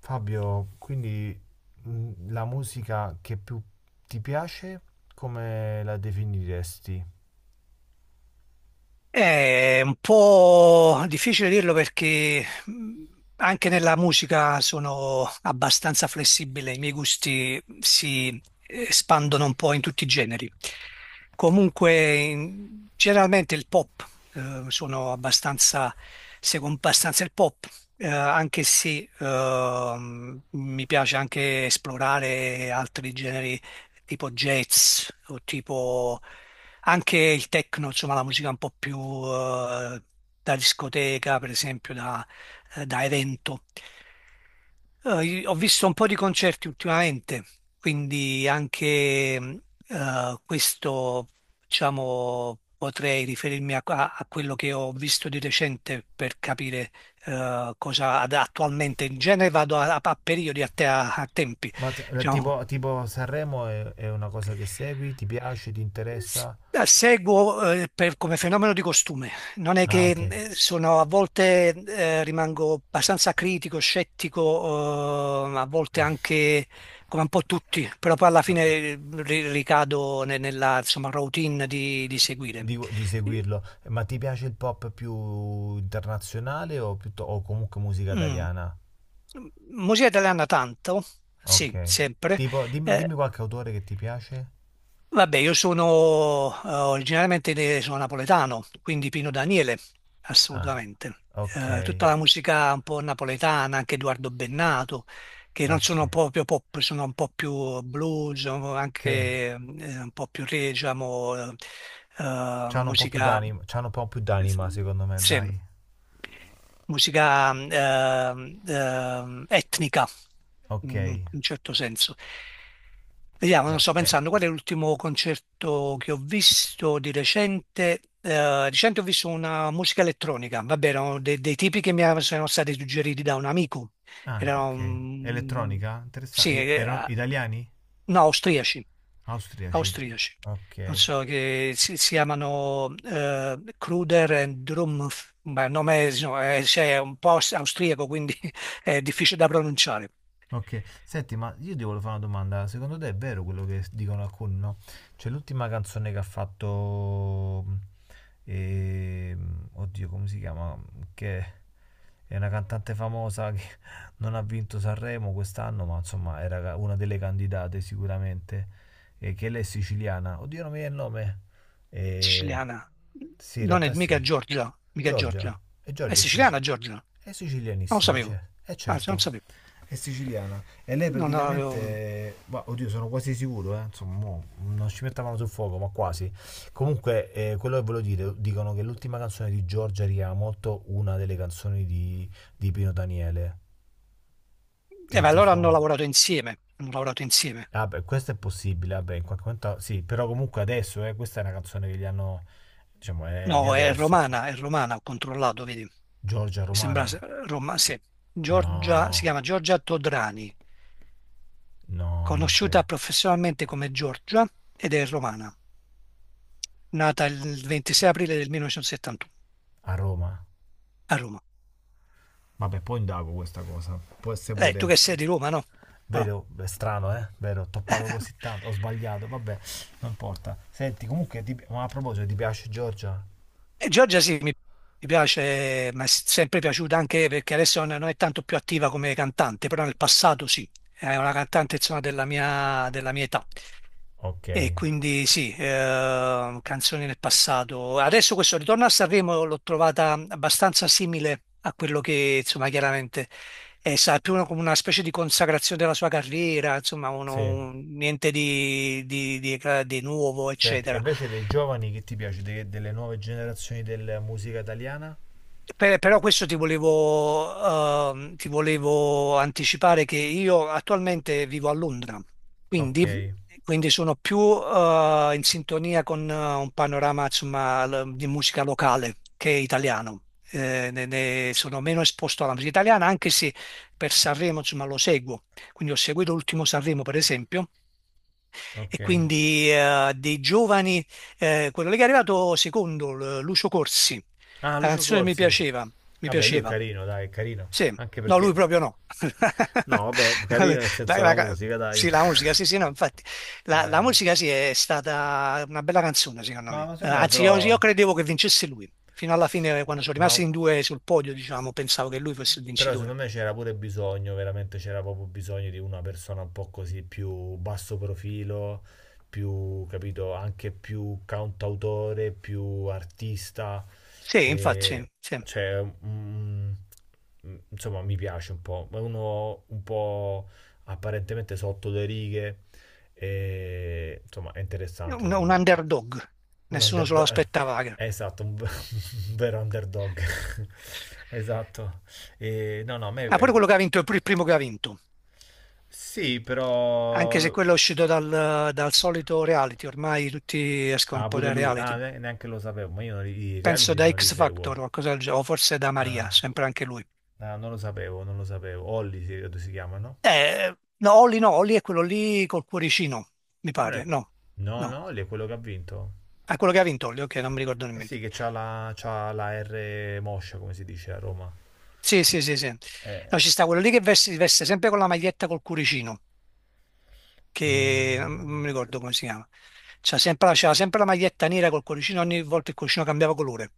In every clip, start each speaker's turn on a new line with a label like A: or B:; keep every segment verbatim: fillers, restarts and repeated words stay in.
A: Fabio, quindi mh, la musica che più ti piace, come la definiresti?
B: È un po' difficile dirlo perché mh, anche nella musica sono abbastanza flessibile, i miei gusti si eh, espandono un po' in tutti i generi. Comunque, in- generalmente il pop, eh, sono abbastanza, seguo abbastanza il pop, eh, anche se ehm, mi piace anche esplorare altri generi tipo jazz o tipo anche il techno, insomma la musica un po' più eh, da discoteca, per esempio da, eh, da evento. Eh, io ho visto un po' di concerti ultimamente, quindi anche mh, eh, questo, diciamo, potrei riferirmi a, a- a quello che ho visto di recente per capire eh, cosa ad- attualmente. In genere vado a, a- a periodi, a, te- a- a tempi,
A: Ma te- la-
B: diciamo,
A: tipo, tipo Sanremo è, è una cosa che segui? Ti piace? Ti
B: S-
A: interessa?
B: eh, Seguo eh, per- come fenomeno di costume, non è
A: Ah,
B: che
A: ok.
B: eh, sono a volte eh, rimango abbastanza critico, scettico, eh, a volte anche come un po' tutti, però poi alla
A: Ma
B: fine eh, ri- ricado ne- nella insomma, routine di, di seguire.
A: Dico di seguirlo. Eh, Ma ti piace il pop più internazionale o, piutto- o comunque musica
B: Mm.
A: italiana?
B: Musica italiana tanto,
A: Ok.
B: sì, sempre.
A: Tipo, dimmi, dimmi
B: eh,
A: qualche autore che ti piace.
B: Vabbè, io sono eh, originariamente de- sono napoletano, quindi Pino Daniele,
A: Ah,
B: assolutamente. Eh,
A: ok,
B: tutta la musica un po' napoletana, anche Edoardo Bennato, che non
A: ok.
B: sono proprio pop, sono un po' più blues, sono
A: Sì,
B: anche eh, un po' più re, diciamo, eh, eh,
A: c'hanno un po' più
B: musica
A: d'anima, c'hanno un po' più d'anima secondo me,
B: sì,
A: dai.
B: musica ehm, ehm, etnica,
A: Ok.
B: in
A: Eh,
B: un certo senso. Vediamo, non sto
A: eh,
B: pensando, qual è l'ultimo concerto che ho visto di recente? Eh, di recente ho visto una musica elettronica, vabbè, erano de- dei tipi che mi sono stati suggeriti da un amico,
A: Ah,
B: erano,
A: ok.
B: mm,
A: Elettronica? Interessante.
B: sì,
A: E-
B: eh,
A: Erano italiani?
B: no, austriaci
A: Austriaci.
B: austriaci.
A: Ok.
B: Non so, che si, si chiamano eh, Kruder and Drumpf, ma il nome è, no, è- cioè, è un po' aus- austriaco, quindi è difficile da pronunciare.
A: Ok, senti, ma io ti volevo fare una domanda. Secondo te è vero quello che dicono alcuni, no? Cioè, l'ultima canzone che ha fatto. Mm, ehm, oddio, come si chiama? Che è una cantante famosa che non ha vinto Sanremo quest'anno, ma insomma era ca- una delle candidate sicuramente. E che lei è siciliana. Oddio, non mi viene il nome. Eh,
B: Siciliana.
A: sì, in
B: Non è
A: realtà sì.
B: mica Giorgia, mica
A: Giorgia.
B: Giorgia.
A: E
B: È
A: Giorgia è
B: siciliana
A: siciliana.
B: Giorgia? Non
A: È
B: lo
A: sicilianissima,
B: sapevo.
A: cioè, è
B: Anzi, non
A: certo.
B: sapevo.
A: È siciliana. E lei
B: Non avevo-
A: praticamente, ma oddio, sono quasi sicuro, eh, insomma, mo non ci mettavano sul fuoco, ma quasi. Comunque, eh, quello che volevo dire, dicono che l'ultima canzone di Giorgia richiama molto una delle canzoni di, di Pino Daniele.
B: Eh,
A: Ti,
B: ma
A: ti
B: allora hanno
A: suona?
B: lavorato insieme. Hanno lavorato insieme.
A: Ah, beh, questo è possibile, vabbè, in qualche momento sì, però comunque adesso, eh, questa è una canzone che gli hanno, diciamo, è di
B: No, è
A: adesso.
B: romana, è romana, ho controllato, vedi.
A: Giorgia
B: Mi sembra
A: Romana?
B: se- Roma, sì. Giorgia, si
A: No,
B: chiama Giorgia Todrani,
A: no, non
B: conosciuta
A: credo.
B: professionalmente come Giorgia ed è romana, nata il ventisei aprile del millenovecentosettantuno
A: A Roma?
B: a Roma.
A: Vabbè, poi indago questa cosa. Può essere
B: Eh, tu
A: pure.
B: che sei di Roma, no? O no?
A: Vero, è strano, eh? Vero, ho toppato così tanto. Ho sbagliato, vabbè, non importa. Senti, comunque, ti- ma a proposito, ti piace Giorgia?
B: E Giorgia sì, mi mi piace, ma è sempre piaciuta anche perché adesso non non è tanto più attiva come cantante, però nel passato sì, è una cantante insomma della mia, della mia età.
A: Ok,
B: E quindi sì, eh, canzoni del passato. Adesso questo ritorno a Sanremo l'ho trovata abbastanza simile a quello che, insomma, chiaramente è sa, più una- come una specie di consacrazione della sua carriera, insomma, uno-
A: sì.
B: un- niente di, di- di- eh, di nuovo,
A: Senti, e
B: eccetera.
A: invece dei giovani che ti piace? De- delle nuove generazioni della musica italiana?
B: Per- però questo ti volevo, ehm, ti volevo anticipare che io attualmente vivo a Londra,
A: Ok,
B: quindi, quindi sono più, eh, in sintonia con eh, un panorama, insomma, l- di musica locale che italiano. Eh, ne, ne sono meno esposto alla musica italiana, anche se per Sanremo, insomma, lo seguo. Quindi ho seguito l'ultimo Sanremo, per esempio,
A: ok.
B: e quindi eh, dei giovani, eh, quello lì che è arrivato secondo, l- Lucio Corsi,
A: Ah,
B: la
A: Lucio
B: canzone mi
A: Corsi.
B: piaceva, mi
A: Vabbè, lui è
B: piaceva,
A: carino, dai, è carino.
B: sì,
A: Anche
B: no, lui
A: perché...
B: proprio no,
A: No, vabbè, carino nel
B: La-
A: senso la
B: la ca-
A: musica, dai.
B: sì, la musica, sì, sì, no, infatti, la, la
A: Eh...
B: musica sì è stata una bella canzone secondo
A: Ma
B: me.
A: ma
B: Eh,
A: secondo me
B: anzi io,
A: però...
B: io credevo che vincesse lui, fino alla fine quando sono
A: Ma
B: rimasti in due sul podio, diciamo, pensavo che lui fosse il
A: però secondo
B: vincitore.
A: me c'era pure bisogno, veramente c'era proprio bisogno di una persona un po' così più basso profilo, più, capito, anche più cantautore, più artista.
B: Sì, infatti,
A: E,
B: sì.
A: cioè, mm, mm, insomma, mi piace un po'. È uno un po' apparentemente sotto le righe. E, insomma, è interessante
B: un, un
A: secondo me.
B: underdog,
A: Un
B: nessuno se lo
A: underdog, eh,
B: aspettava. Ah,
A: esatto, un, un vero underdog. Esatto. E, no, no, a me...
B: pure
A: eh,
B: quello che ha vinto, pure il primo che ha vinto,
A: Sì,
B: anche se
A: però...
B: quello è uscito dal, dal solito reality, ormai tutti escono un
A: Ah,
B: po'
A: pure
B: dai
A: lui. Ah,
B: reality.
A: ne- neanche lo sapevo, ma io non li- i
B: Penso
A: reality
B: da
A: non li
B: X Factor
A: seguo.
B: o qualcosa del genere, o forse da Maria,
A: Ah,
B: sempre anche lui.
A: ah, non lo sapevo, non lo sapevo. Olli si, credo si chiama, no?
B: Eh, no, Olli no, Olli è quello lì col cuoricino, mi
A: E non
B: pare,
A: è...
B: no,
A: No,
B: no.
A: no, Olli è quello che ha vinto.
B: È quello che ha vinto Olli, ok, non mi ricordo
A: Eh
B: nemmeno.
A: sì, che c'ha la, c'ha la R moscia, come si dice a Roma.
B: Sì, sì, sì, sì. No,
A: Eh,
B: ci sta quello lì che veste, veste sempre con la maglietta col cuoricino, che
A: eh,
B: non non mi ricordo come si chiama. C'ha sempre, la- c'aveva sempre la maglietta nera col cuoricino, ogni volta il cuoricino cambiava colore.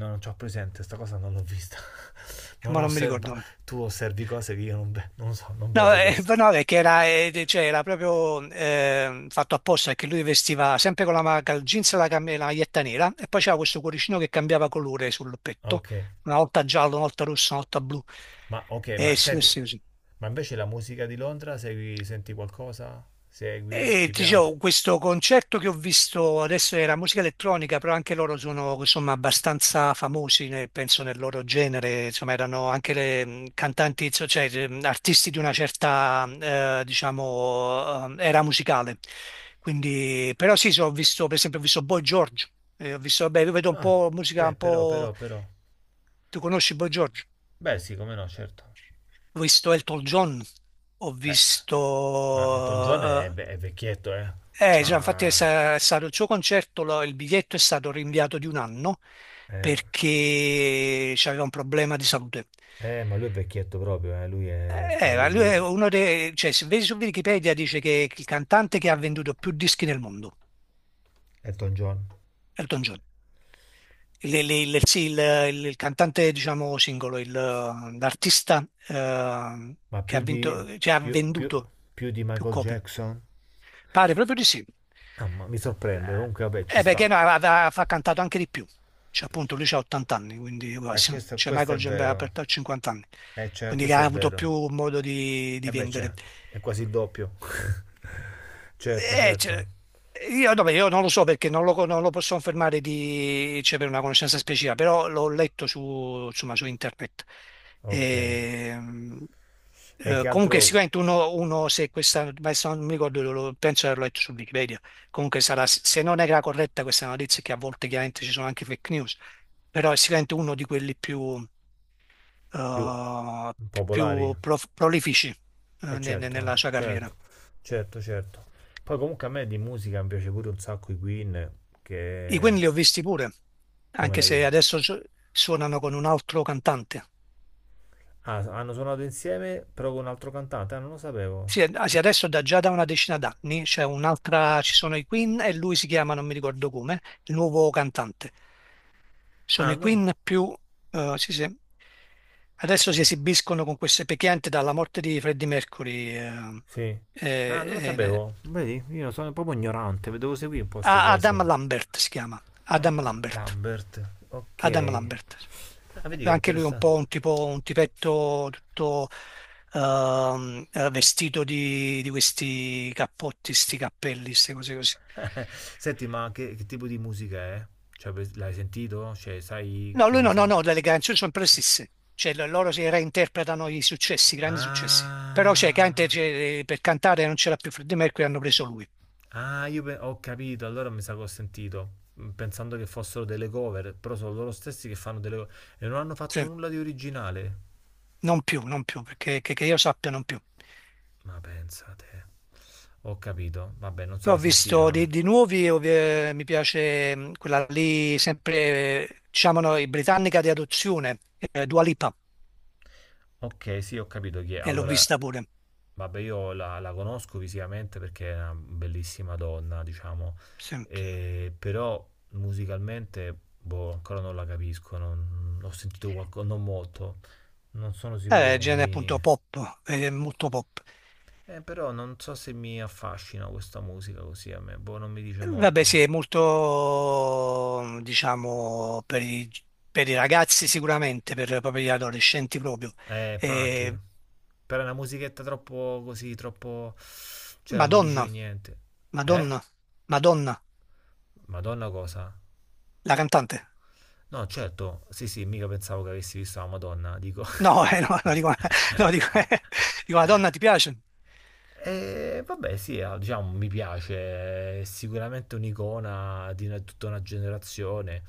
A: No, non c'ho presente, sta cosa non l'ho vista. Non
B: Ma non mi
A: osserva.
B: ricordo.
A: Tu osservi cose che io non, ve- non so, non
B: No,
A: vedo
B: eh,
A: questa.
B: no, perché era, eh, cioè, era proprio eh, fatto apposta perché lui vestiva sempre con la, ma- il jeans e la, cam- la maglietta nera e poi c'era questo cuoricino che cambiava colore sul
A: Ah,
B: petto,
A: ok,
B: una volta giallo, una volta rosso, una volta blu.
A: ma ok,
B: Eh
A: ma
B: sì,
A: senti,
B: sì, sì.
A: ma invece la musica di Londra, segui, senti qualcosa? Segui,
B: E
A: ti
B: ti
A: piace?
B: dicevo, questo concerto che ho visto adesso era musica elettronica, però anche loro sono insomma abbastanza famosi, ne- penso nel loro genere, insomma erano anche le, mh, cantanti, so- cioè mh, artisti di una certa, eh, diciamo, eh, era musicale. Quindi, però sì, so, ho visto, per esempio, ho visto Boy George, eh, ho visto, vabbè, io vedo un
A: Ah,
B: po' musica
A: beh,
B: un
A: però,
B: po',
A: però, però.
B: tu conosci Boy George?
A: Beh, sì, come no, certo.
B: Ho visto Elton John, ho
A: Eh,
B: visto...
A: ma Elton John è,
B: eh,
A: ve- è vecchietto, eh.
B: Eh, già, infatti è,
A: Ciao.
B: sa- è stato il suo concerto, lo- il biglietto è stato rinviato di un anno
A: Eh,
B: perché aveva un problema di salute.
A: eh, ma lui è vecchietto proprio, eh. Lui è, sta
B: Eh, ma
A: lì
B: lui
A: lì.
B: è uno dei, cioè, se vedi su Wikipedia dice che è il cantante che ha venduto più dischi nel mondo,
A: Elton John.
B: Elton John. Il, il- il- sì, il- il- il cantante, diciamo, singolo, il- l'artista eh,
A: Ma
B: che ha
A: più di...
B: vinto, cioè, ha
A: più, più,
B: venduto
A: più di
B: più
A: Michael
B: copie.
A: Jackson?
B: Pare proprio di sì.
A: Mamma, mi sorprende. Comunque, vabbè,
B: Eh,
A: ci
B: eh,
A: sta.
B: perché no, aveva, ha cantato anche di più. Cioè, appunto, lui c'ha ottanta anni, quindi
A: Eh,
B: quasi.
A: questo,
B: Cioè,
A: questo
B: Michael
A: è vero.
B: Gambetta ha cinquanta anni,
A: Eh, cioè,
B: quindi che
A: questo
B: ha
A: è
B: avuto
A: vero.
B: più modo di,
A: E
B: di
A: eh, beh, c'è.
B: vendere.
A: È quasi il doppio. Certo,
B: Eh,
A: certo.
B: cioè, io, vabbè, io non lo so perché non lo, non lo posso confermare di, cioè, per una conoscenza specifica, però l'ho letto su, insomma, su internet.
A: Ok.
B: Ehm,
A: E
B: eh,
A: che
B: comunque
A: altro
B: sicuramente uno, uno se questa, ma se non mi ricordo, lo- lo- penso di averlo letto su Wikipedia, comunque sarà, se non era corretta questa notizia, che a volte chiaramente ci sono anche fake news, però è sicuramente uno di quelli più,
A: più
B: eh,
A: popolari?
B: più prof- prolifici, eh,
A: Eh
B: ne- ne- nella
A: certo,
B: sua carriera.
A: certo, certo, certo. Poi comunque a me di musica mi piace pure un sacco i Queen,
B: I
A: che...
B: Queen li ho visti pure,
A: Come
B: anche
A: l'hai
B: se
A: visto?
B: adesso su- suonano con un altro cantante.
A: Ah, hanno suonato insieme però con un altro cantante? Ah, non lo sapevo.
B: Sì, eh, sì, adesso da, già da una decina d'anni c'è un'altra, ci sono i Queen e lui si chiama, non mi ricordo come, il nuovo cantante. Sono
A: Ah,
B: i
A: no?
B: Queen più, eh, sì, sì. Adesso si esibiscono con queste pecchianti dalla morte di Freddie Mercury, eh,
A: Sì.
B: eh,
A: Ah, non lo
B: eh,
A: sapevo. Vedi, io sono proprio ignorante, devo seguire un po' queste
B: Adam
A: cose.
B: Lambert si chiama, Adam
A: Adam
B: Lambert,
A: Lambert, ok.
B: Adam Lambert.
A: Ah, vedi che
B: Anche lui è un po'
A: interessante.
B: un tipo, un tipetto tutto ehm, eh, vestito di, di questi cappotti, sti cappelli, queste cose così.
A: Senti, ma che, che tipo di musica è? Cioè, per- l'hai sentito? Cioè, sai
B: No,
A: se
B: lui
A: mi
B: no, no,
A: se-
B: no, le canzoni sono sempre le stesse. Cioè, lo- loro si reinterpretano i successi, i grandi successi. Però, cioè, Gante,
A: Ah.
B: cioè, per cantare non c'era più Freddie Mercury, hanno preso lui.
A: Ah, io pe- ho capito, allora mi sa che ho sentito, mm, pensando che fossero delle cover, però sono loro stessi che fanno delle cover e non hanno fatto
B: Sì,
A: nulla di originale.
B: non più, non più, perché che, che io sappia non più.
A: Ma pensate, ho capito, vabbè, non se
B: Poi ho
A: la
B: visto di,
A: sentivano.
B: di nuovi, ov- eh, mi piace mh, quella lì, sempre, eh, diciamo, no, i britannica di adozione, eh, Dua Lipa,
A: Ok, sì, ho capito chi è.
B: e l'ho
A: Allora,
B: vista pure.
A: vabbè, io la, la conosco visivamente perché è una bellissima donna, diciamo,
B: Sempre.
A: e- però musicalmente, boh, ancora non la capisco, non, ho sentito qualcosa, non molto. Non sono sicuro
B: Eh,
A: che
B: genere
A: mi,
B: appunto pop, eh, molto pop.
A: Eh, però non so se mi affascina questa musica così a me, boh, non mi dice
B: Eh, Vabbè,
A: molto.
B: sì, è molto, diciamo, per i, per i, ragazzi sicuramente, per proprio gli adolescenti proprio.
A: Eh,
B: Eh,
A: infatti, però è una musichetta troppo così, troppo... cioè non mi dice
B: Madonna,
A: niente. Eh?
B: Madonna, Madonna,
A: Madonna cosa?
B: la cantante.
A: No, certo, sì sì, mica pensavo che avessi visto la Madonna, dico.
B: No, eh, no, no, dico, no, dico, dico, Madonna, ti piace?
A: E vabbè, sì, ah, diciamo, mi piace, è sicuramente un'icona di una- tutta una generazione.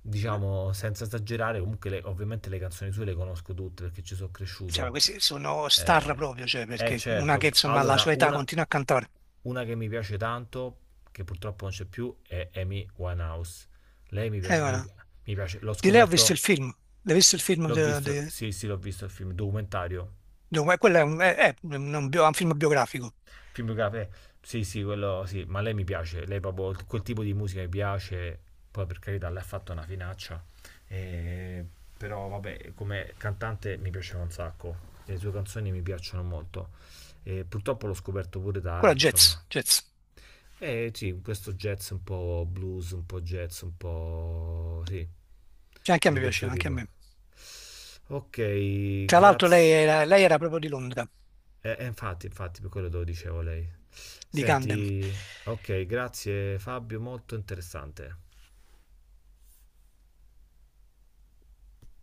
A: Diciamo, senza esagerare, comunque le- ovviamente le canzoni sue le conosco tutte perché ci sono
B: Cioè,
A: cresciuto.
B: questi sono star
A: Eh,
B: proprio, cioè,
A: eh,
B: perché una che
A: certo,
B: insomma alla
A: allora,
B: sua età
A: una,
B: continua a cantare.
A: una che mi piace tanto, che purtroppo non c'è più, è Amy Winehouse. Lei mi
B: Eh,
A: piace, mi
B: guarda,
A: pi- mi piace. L'ho
B: di lei ho visto il
A: scoperto,
B: film, l'hai visto il film?
A: l'ho
B: De,
A: visto,
B: de-
A: sì, sì, l'ho visto il film, documentario.
B: de- eh, quello è, un, è- è un- un bio- un film biografico,
A: Film biografico, eh, sì, sì, quello sì, ma lei mi piace, lei proprio quel tipo di musica mi piace, poi per carità lei ha fatto una finaccia, eh, però vabbè, come cantante mi piaceva un sacco, le sue canzoni mi piacciono molto, Eh, purtroppo l'ho scoperto pure
B: quello
A: tardi,
B: è jazz,
A: insomma.
B: jazz.
A: Eh sì, questo jazz un po' blues, un po' jazz, un po' sì,
B: Cioè, anche a
A: di
B: me
A: questo
B: piaceva, anche a
A: tipo.
B: me.
A: Ok,
B: Tra l'altro lei
A: grazie.
B: era, lei era proprio di Londra,
A: Eh, eh, infatti, infatti, per quello te lo dicevo lei.
B: di Camden.
A: Senti, ok, grazie Fabio, molto interessante.